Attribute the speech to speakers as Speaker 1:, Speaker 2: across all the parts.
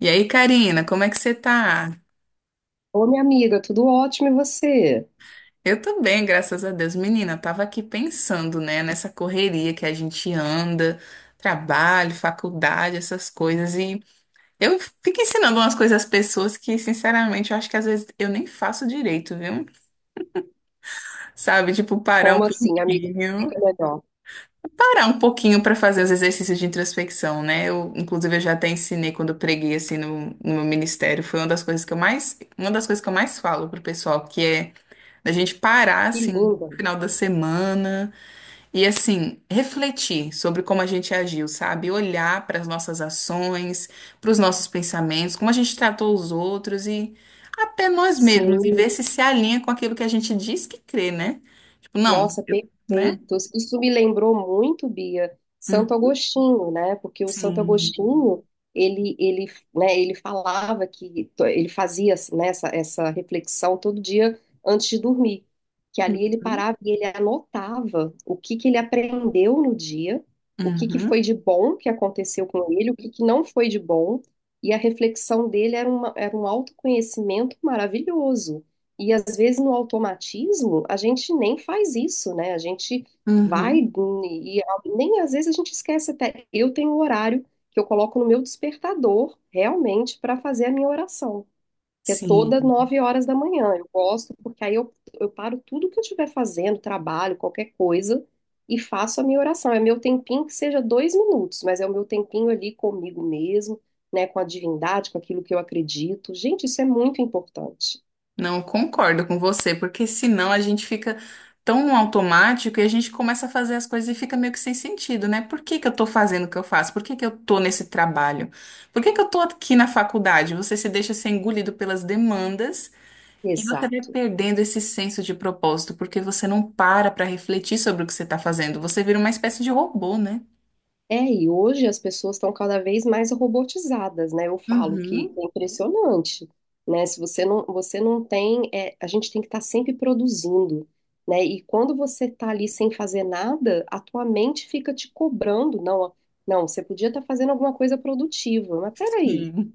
Speaker 1: E aí, Karina, como é que você tá?
Speaker 2: Ô, minha amiga, tudo ótimo e você?
Speaker 1: Eu tô bem, graças a Deus. Menina, eu tava aqui pensando, né, nessa correria que a gente anda, trabalho, faculdade, essas coisas. E eu fico ensinando umas coisas às pessoas que, sinceramente, eu acho que às vezes eu nem faço direito, viu? Sabe? Tipo, parar um
Speaker 2: Como assim, amiga? Me explica
Speaker 1: pouquinho.
Speaker 2: melhor.
Speaker 1: Parar um pouquinho pra fazer os exercícios de introspecção, né? Eu, inclusive, eu já até ensinei quando eu preguei, assim, no meu ministério. Foi uma das coisas que eu mais, uma das coisas que eu mais falo pro pessoal, que é. Da gente parar,
Speaker 2: Que
Speaker 1: assim, no
Speaker 2: linda.
Speaker 1: final da semana e, assim, refletir sobre como a gente agiu, sabe? Olhar para as nossas ações, para os nossos pensamentos, como a gente tratou os outros e até nós mesmos, e
Speaker 2: Sim.
Speaker 1: ver se alinha com aquilo que a gente diz que crê, né? Tipo, não,
Speaker 2: Nossa,
Speaker 1: né?
Speaker 2: perfeitos. Isso me lembrou muito, Bia,
Speaker 1: Hum,
Speaker 2: Santo Agostinho, né? Porque o Santo
Speaker 1: sim.
Speaker 2: Agostinho, ele, né, ele falava que ele fazia, né, essa reflexão todo dia antes de dormir, que ali ele
Speaker 1: Uhum.
Speaker 2: parava e ele anotava o que que ele aprendeu no dia, o que que foi
Speaker 1: Uhum.
Speaker 2: de bom que aconteceu com ele, o que que não foi de bom, e a reflexão dele era uma, era um autoconhecimento maravilhoso. E às vezes no automatismo a gente nem faz isso, né? A gente vai
Speaker 1: Uhum.
Speaker 2: e nem às vezes a gente esquece até. Eu tenho um horário que eu coloco no meu despertador realmente para fazer a minha oração, que é todas
Speaker 1: Sim.
Speaker 2: nove horas da manhã. Eu gosto porque eu paro tudo que eu estiver fazendo, trabalho, qualquer coisa, e faço a minha oração. É meu tempinho que seja dois minutos, mas é o meu tempinho ali comigo mesmo, né? Com a divindade, com aquilo que eu acredito. Gente, isso é muito importante.
Speaker 1: Não concordo com você, porque senão a gente fica tão no automático e a gente começa a fazer as coisas e fica meio que sem sentido, né? Por que que eu tô fazendo o que eu faço? Por que que eu tô nesse trabalho? Por que que eu tô aqui na faculdade? Você se deixa ser engolido pelas demandas e você vai
Speaker 2: Exato.
Speaker 1: perdendo esse senso de propósito, porque você não para para refletir sobre o que você tá fazendo. Você vira uma espécie de robô, né?
Speaker 2: É, e hoje as pessoas estão cada vez mais robotizadas, né? Eu falo que
Speaker 1: Uhum,
Speaker 2: é impressionante, né? Se você não, você não tem, a gente tem que estar sempre produzindo, né? E quando você está ali sem fazer nada, a tua mente fica te cobrando, não, não, você podia estar fazendo alguma coisa produtiva, mas peraí,
Speaker 1: sim.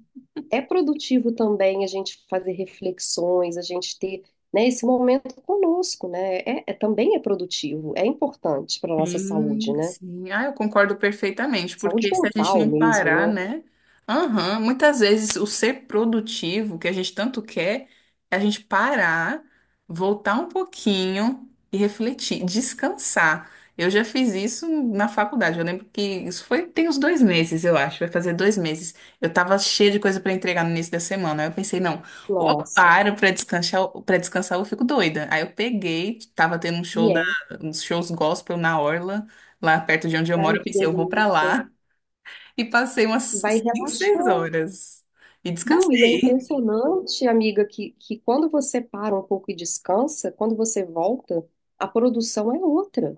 Speaker 2: é produtivo também a gente fazer reflexões, a gente ter, né, esse momento conosco, né? Também é produtivo, é importante para nossa saúde,
Speaker 1: Sim,
Speaker 2: né?
Speaker 1: sim. Ah, eu concordo perfeitamente,
Speaker 2: Saúde
Speaker 1: porque se a gente
Speaker 2: mental
Speaker 1: não parar,
Speaker 2: mesmo, né?
Speaker 1: né? Aham, muitas vezes o ser produtivo que a gente tanto quer é a gente parar, voltar um pouquinho e refletir, descansar. Eu já fiz isso na faculdade. Eu lembro que isso foi, tem uns dois meses, eu acho, vai fazer dois meses. Eu tava cheia de coisa para entregar no início da semana. Aí eu pensei, não, ou eu
Speaker 2: Nossa,
Speaker 1: paro para descansar, ou eu fico doida. Aí eu peguei, tava tendo um show,
Speaker 2: e é,
Speaker 1: uns shows gospel na Orla, lá perto de onde eu
Speaker 2: ai
Speaker 1: moro. Eu
Speaker 2: que
Speaker 1: pensei, eu vou pra
Speaker 2: delícia.
Speaker 1: lá. E passei umas
Speaker 2: Vai
Speaker 1: 5, 6
Speaker 2: relaxar.
Speaker 1: horas. E
Speaker 2: Não, e é
Speaker 1: descansei.
Speaker 2: impressionante, amiga, que quando você para um pouco e descansa, quando você volta, a produção é outra.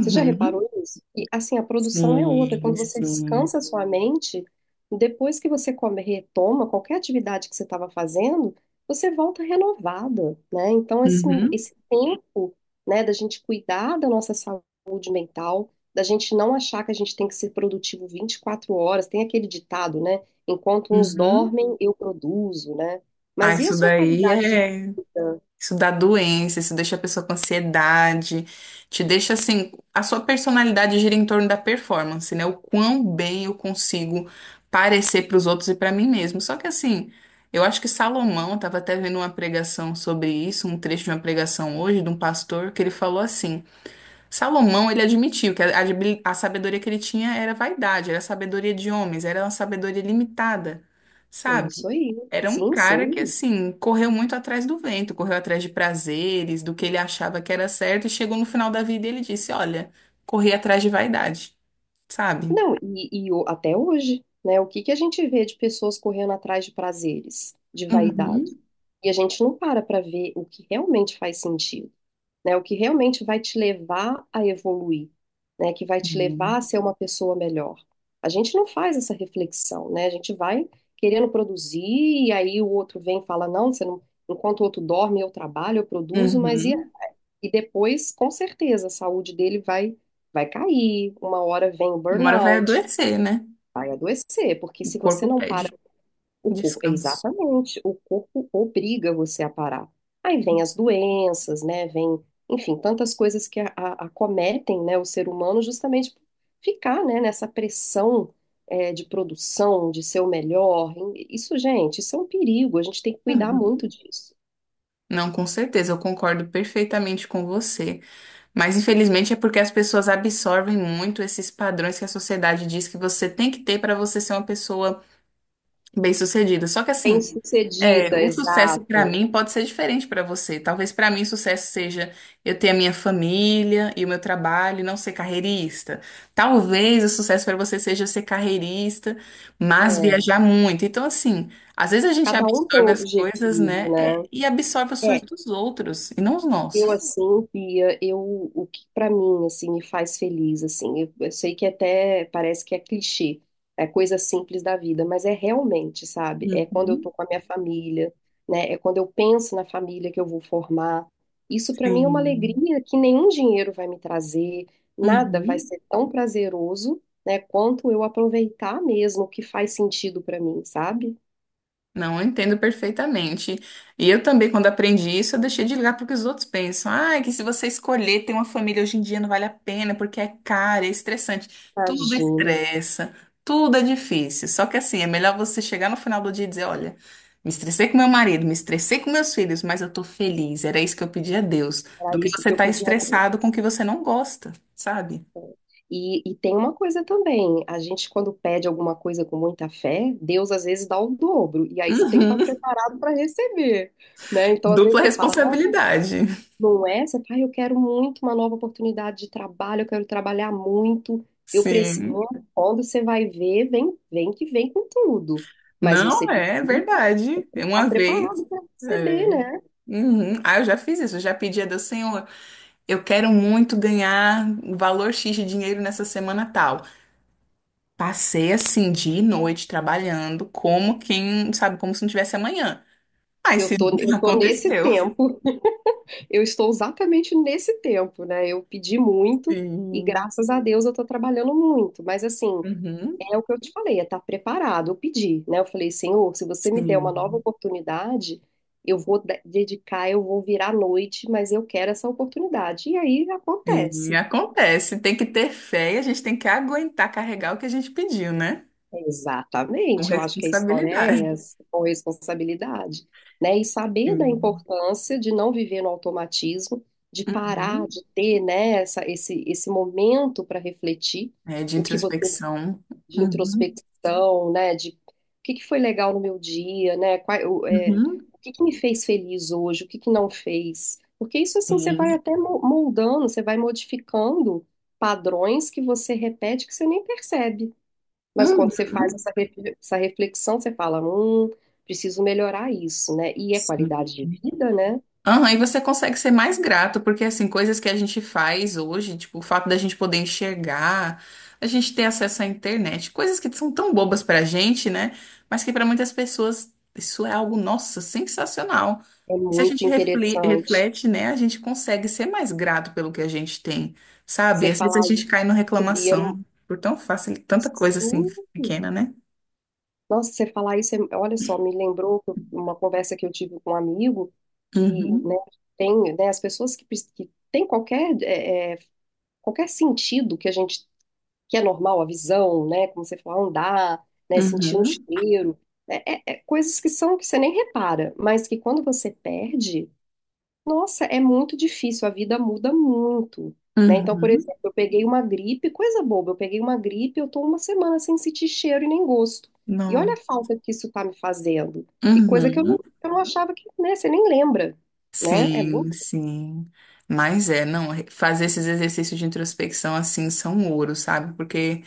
Speaker 2: Você já reparou isso? E assim, a produção é outra.
Speaker 1: Sim,
Speaker 2: Quando você
Speaker 1: sim.
Speaker 2: descansa a sua mente, depois que você come, retoma qualquer atividade que você estava fazendo, você volta renovada, né? Então,
Speaker 1: Uhum,
Speaker 2: esse tempo, né, da gente cuidar da nossa saúde mental, da gente não achar que a gente tem que ser produtivo 24 horas, tem aquele ditado, né? Enquanto uns
Speaker 1: uhum.
Speaker 2: dormem, eu produzo, né?
Speaker 1: Ah,
Speaker 2: Mas e a
Speaker 1: isso
Speaker 2: sua
Speaker 1: daí
Speaker 2: qualidade de
Speaker 1: é.
Speaker 2: vida?
Speaker 1: Isso dá doença, isso deixa a pessoa com ansiedade, te deixa assim, a sua personalidade gira em torno da performance, né? O quão bem eu consigo parecer para os outros e para mim mesmo. Só que assim, eu acho que Salomão estava até vendo uma pregação sobre isso, um trecho de uma pregação hoje de um pastor que ele falou assim: Salomão, ele admitiu que a sabedoria que ele tinha era vaidade, era sabedoria de homens, era uma sabedoria limitada,
Speaker 2: É isso
Speaker 1: sabe?
Speaker 2: aí.
Speaker 1: Era um
Speaker 2: Sim,
Speaker 1: cara que,
Speaker 2: sei.
Speaker 1: assim, correu muito atrás do vento, correu atrás de prazeres, do que ele achava que era certo, e chegou no final da vida e ele disse: Olha, corri atrás de vaidade, sabe?
Speaker 2: Não, até hoje, né? O que que a gente vê de pessoas correndo atrás de prazeres, de vaidade?
Speaker 1: Uhum.
Speaker 2: E a gente não para para ver o que realmente faz sentido, né? O que realmente vai te levar a evoluir, né? Que vai te levar a ser uma pessoa melhor. A gente não faz essa reflexão, né? A gente vai querendo produzir e aí o outro vem e fala, não, você não... Enquanto o outro dorme, eu trabalho, eu produzo, mas
Speaker 1: Uhum.
Speaker 2: e depois, com certeza, a saúde dele vai cair, uma hora vem o
Speaker 1: Uma hora vai
Speaker 2: burnout.
Speaker 1: adoecer, né?
Speaker 2: Vai adoecer, porque
Speaker 1: O
Speaker 2: se você
Speaker 1: corpo
Speaker 2: não para
Speaker 1: pede
Speaker 2: o corpo,
Speaker 1: descanso.
Speaker 2: exatamente, o corpo obriga você a parar. Aí vem as doenças, né? Vem, enfim, tantas coisas que acometem, né, o ser humano justamente por ficar, né, nessa pressão de produção, de ser o melhor. Isso, gente, isso é um perigo. A gente tem que cuidar muito
Speaker 1: Uhum.
Speaker 2: disso.
Speaker 1: Não, com certeza, eu concordo perfeitamente com você. Mas infelizmente é porque as pessoas absorvem muito esses padrões que a sociedade diz que você tem que ter para você ser uma pessoa bem-sucedida. Só que assim, é,
Speaker 2: Bem-sucedida,
Speaker 1: o sucesso para
Speaker 2: exato.
Speaker 1: mim pode ser diferente para você. Talvez para mim o sucesso seja eu ter a minha família e o meu trabalho, e não ser carreirista. Talvez o sucesso para você seja ser carreirista, mas
Speaker 2: É,
Speaker 1: viajar muito. Então assim, às vezes a gente
Speaker 2: cada um tem
Speaker 1: absorve
Speaker 2: um
Speaker 1: as coisas, né?
Speaker 2: objetivo, né?
Speaker 1: É, e absorve os sonhos dos outros e não os
Speaker 2: Eu
Speaker 1: nossos.
Speaker 2: assim, Pia, eu o que pra mim assim me faz feliz assim. Eu sei que até parece que é clichê, é coisa simples da vida, mas é realmente, sabe? É quando eu tô
Speaker 1: Uhum.
Speaker 2: com a minha família, né? É quando eu penso na família que eu vou formar. Isso pra mim é uma
Speaker 1: Sim.
Speaker 2: alegria que nenhum dinheiro vai me trazer, nada vai
Speaker 1: Uhum.
Speaker 2: ser tão prazeroso, né, quanto eu aproveitar mesmo o que faz sentido pra mim, sabe?
Speaker 1: Não, eu entendo perfeitamente. E eu também, quando aprendi isso, eu deixei de ligar para o que os outros pensam. Ah, é que se você escolher ter uma família hoje em dia não vale a pena, porque é caro, é estressante. Tudo
Speaker 2: Imagina,
Speaker 1: estressa, tudo é difícil. Só que assim, é melhor você chegar no final do dia e dizer, olha, me estressei com meu marido, me estressei com meus filhos, mas eu tô feliz. Era isso que eu pedi a Deus.
Speaker 2: era
Speaker 1: Do que
Speaker 2: isso
Speaker 1: você
Speaker 2: que eu
Speaker 1: tá
Speaker 2: pedi a Deus.
Speaker 1: estressado com o que você não gosta, sabe?
Speaker 2: E tem uma coisa também, a gente quando pede alguma coisa com muita fé, Deus às vezes dá o dobro, e aí você tem que estar
Speaker 1: Uhum.
Speaker 2: preparado para receber, né? Então às vezes
Speaker 1: Dupla
Speaker 2: você fala, não,
Speaker 1: responsabilidade.
Speaker 2: não é, você fala, "Ai, eu quero muito uma nova oportunidade de trabalho, eu quero trabalhar muito, eu preciso.
Speaker 1: Sim.
Speaker 2: Não, é? Quando você vai ver, vem que vem com tudo, mas você
Speaker 1: Não,
Speaker 2: pedir,
Speaker 1: é verdade.
Speaker 2: tá
Speaker 1: Uma vez.
Speaker 2: preparado para receber,
Speaker 1: É.
Speaker 2: né?
Speaker 1: Uhum. Ah, eu já fiz isso. Eu já pedi a Deus, Senhor, eu quero muito ganhar valor X de dinheiro nessa semana tal. Passei assim, dia e noite, trabalhando, como quem, sabe, como se não tivesse amanhã. Aí se
Speaker 2: Eu tô nesse
Speaker 1: aconteceu.
Speaker 2: tempo. Eu estou exatamente nesse tempo, né? Eu pedi muito e
Speaker 1: Sim.
Speaker 2: graças a Deus eu estou trabalhando muito. Mas assim,
Speaker 1: Uhum.
Speaker 2: é o que eu te falei, é estar preparado. Eu pedi, né? Eu falei, Senhor, se você me der uma nova
Speaker 1: Sim.
Speaker 2: oportunidade, eu vou dedicar, eu vou virar à noite, mas eu quero essa oportunidade. E aí
Speaker 1: Sim,
Speaker 2: acontece.
Speaker 1: acontece. Tem que ter fé e a gente tem que aguentar carregar o que a gente pediu, né? Com
Speaker 2: Exatamente, eu acho que a história é
Speaker 1: responsabilidade.
Speaker 2: essa, com responsabilidade, né? E saber da
Speaker 1: Sim.
Speaker 2: importância de não viver no automatismo, de parar,
Speaker 1: Uhum.
Speaker 2: de ter, né, esse momento para refletir
Speaker 1: É, de
Speaker 2: o que você,
Speaker 1: introspecção.
Speaker 2: de
Speaker 1: Uhum,
Speaker 2: introspecção, né, de o que que foi legal no meu dia, né, qual,
Speaker 1: uhum,
Speaker 2: o que que me fez feliz hoje, o que que não fez, porque isso assim você
Speaker 1: sim.
Speaker 2: vai até moldando, você vai modificando padrões que você repete que você nem percebe. Mas
Speaker 1: Hum,
Speaker 2: quando você faz essa essa reflexão, você fala, preciso melhorar isso, né? E é qualidade de
Speaker 1: sim.
Speaker 2: vida, né?
Speaker 1: Aham, e você consegue ser mais grato, porque assim, coisas que a gente faz hoje, tipo, o fato da gente poder enxergar, a gente ter acesso à internet, coisas que são tão bobas pra gente, né? Mas que pra muitas pessoas isso é algo, nossa, sensacional.
Speaker 2: É
Speaker 1: E se a
Speaker 2: muito
Speaker 1: gente
Speaker 2: interessante
Speaker 1: reflete, né, a gente consegue ser mais grato pelo que a gente tem, sabe?
Speaker 2: você
Speaker 1: Às vezes a
Speaker 2: falar isso,
Speaker 1: gente cai na
Speaker 2: subir, é
Speaker 1: reclamação por tão fácil, tanta coisa assim
Speaker 2: sim.
Speaker 1: pequena, né?
Speaker 2: Nossa, você falar isso, olha só, me lembrou que uma conversa que eu tive com um amigo que, né,
Speaker 1: Uhum.
Speaker 2: tem, né, as pessoas que, que têm qualquer, qualquer sentido que a gente que é normal, a visão, né? Como você falou, andar, né? Sentir um
Speaker 1: Uhum,
Speaker 2: cheiro. Né, é, é coisas que são que você nem repara, mas que quando você perde, nossa, é muito difícil, a vida muda muito. Né? Então, por
Speaker 1: uhum,
Speaker 2: exemplo, eu peguei uma gripe, coisa boba, eu peguei uma gripe, eu tô uma semana sem sentir cheiro e nem gosto. E olha a
Speaker 1: não.
Speaker 2: falta que isso tá me fazendo. E coisa que
Speaker 1: Uhum.
Speaker 2: eu não achava que, né, você nem lembra, né? É
Speaker 1: Sim,
Speaker 2: muito
Speaker 1: sim. Mas é, não, fazer esses exercícios de introspecção assim são ouro, sabe? Porque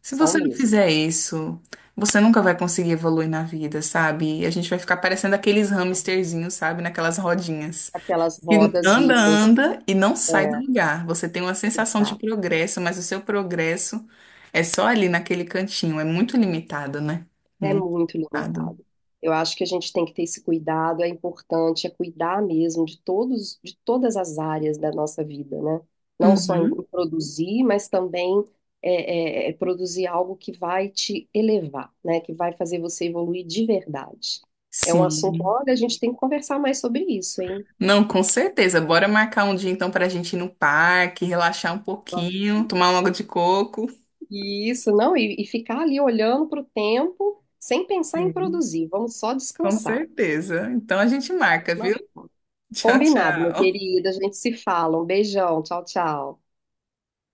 Speaker 1: se
Speaker 2: são
Speaker 1: você não
Speaker 2: mesmo.
Speaker 1: fizer isso, você nunca vai conseguir evoluir na vida, sabe? E a gente vai ficar parecendo aqueles hamsterzinhos, sabe? Naquelas rodinhas.
Speaker 2: Aquelas
Speaker 1: Que
Speaker 2: rodas
Speaker 1: anda,
Speaker 2: vivas.
Speaker 1: anda e não sai do
Speaker 2: É,
Speaker 1: lugar. Você tem uma sensação de
Speaker 2: exato.
Speaker 1: progresso, mas o seu progresso é só ali naquele cantinho. É muito limitado, né?
Speaker 2: É
Speaker 1: Muito
Speaker 2: muito
Speaker 1: limitado.
Speaker 2: limitado. Eu acho que a gente tem que ter esse cuidado, é importante, é cuidar mesmo de todos, de todas as áreas da nossa vida, né? Não só em
Speaker 1: Uhum.
Speaker 2: produzir, mas também é produzir algo que vai te elevar, né? Que vai fazer você evoluir de verdade. É um assunto,
Speaker 1: Sim,
Speaker 2: olha, a gente tem que conversar mais sobre isso, hein?
Speaker 1: não, com certeza. Bora marcar um dia então para a gente ir no parque, relaxar um pouquinho, tomar um água de coco.
Speaker 2: E isso, não, e ficar ali olhando para o tempo sem pensar em
Speaker 1: Sim,
Speaker 2: produzir, vamos só
Speaker 1: com
Speaker 2: descansar.
Speaker 1: certeza. Então a gente marca, viu? Tchau,
Speaker 2: Combinado, meu
Speaker 1: tchau.
Speaker 2: querido. A gente se fala. Um beijão. Tchau, tchau.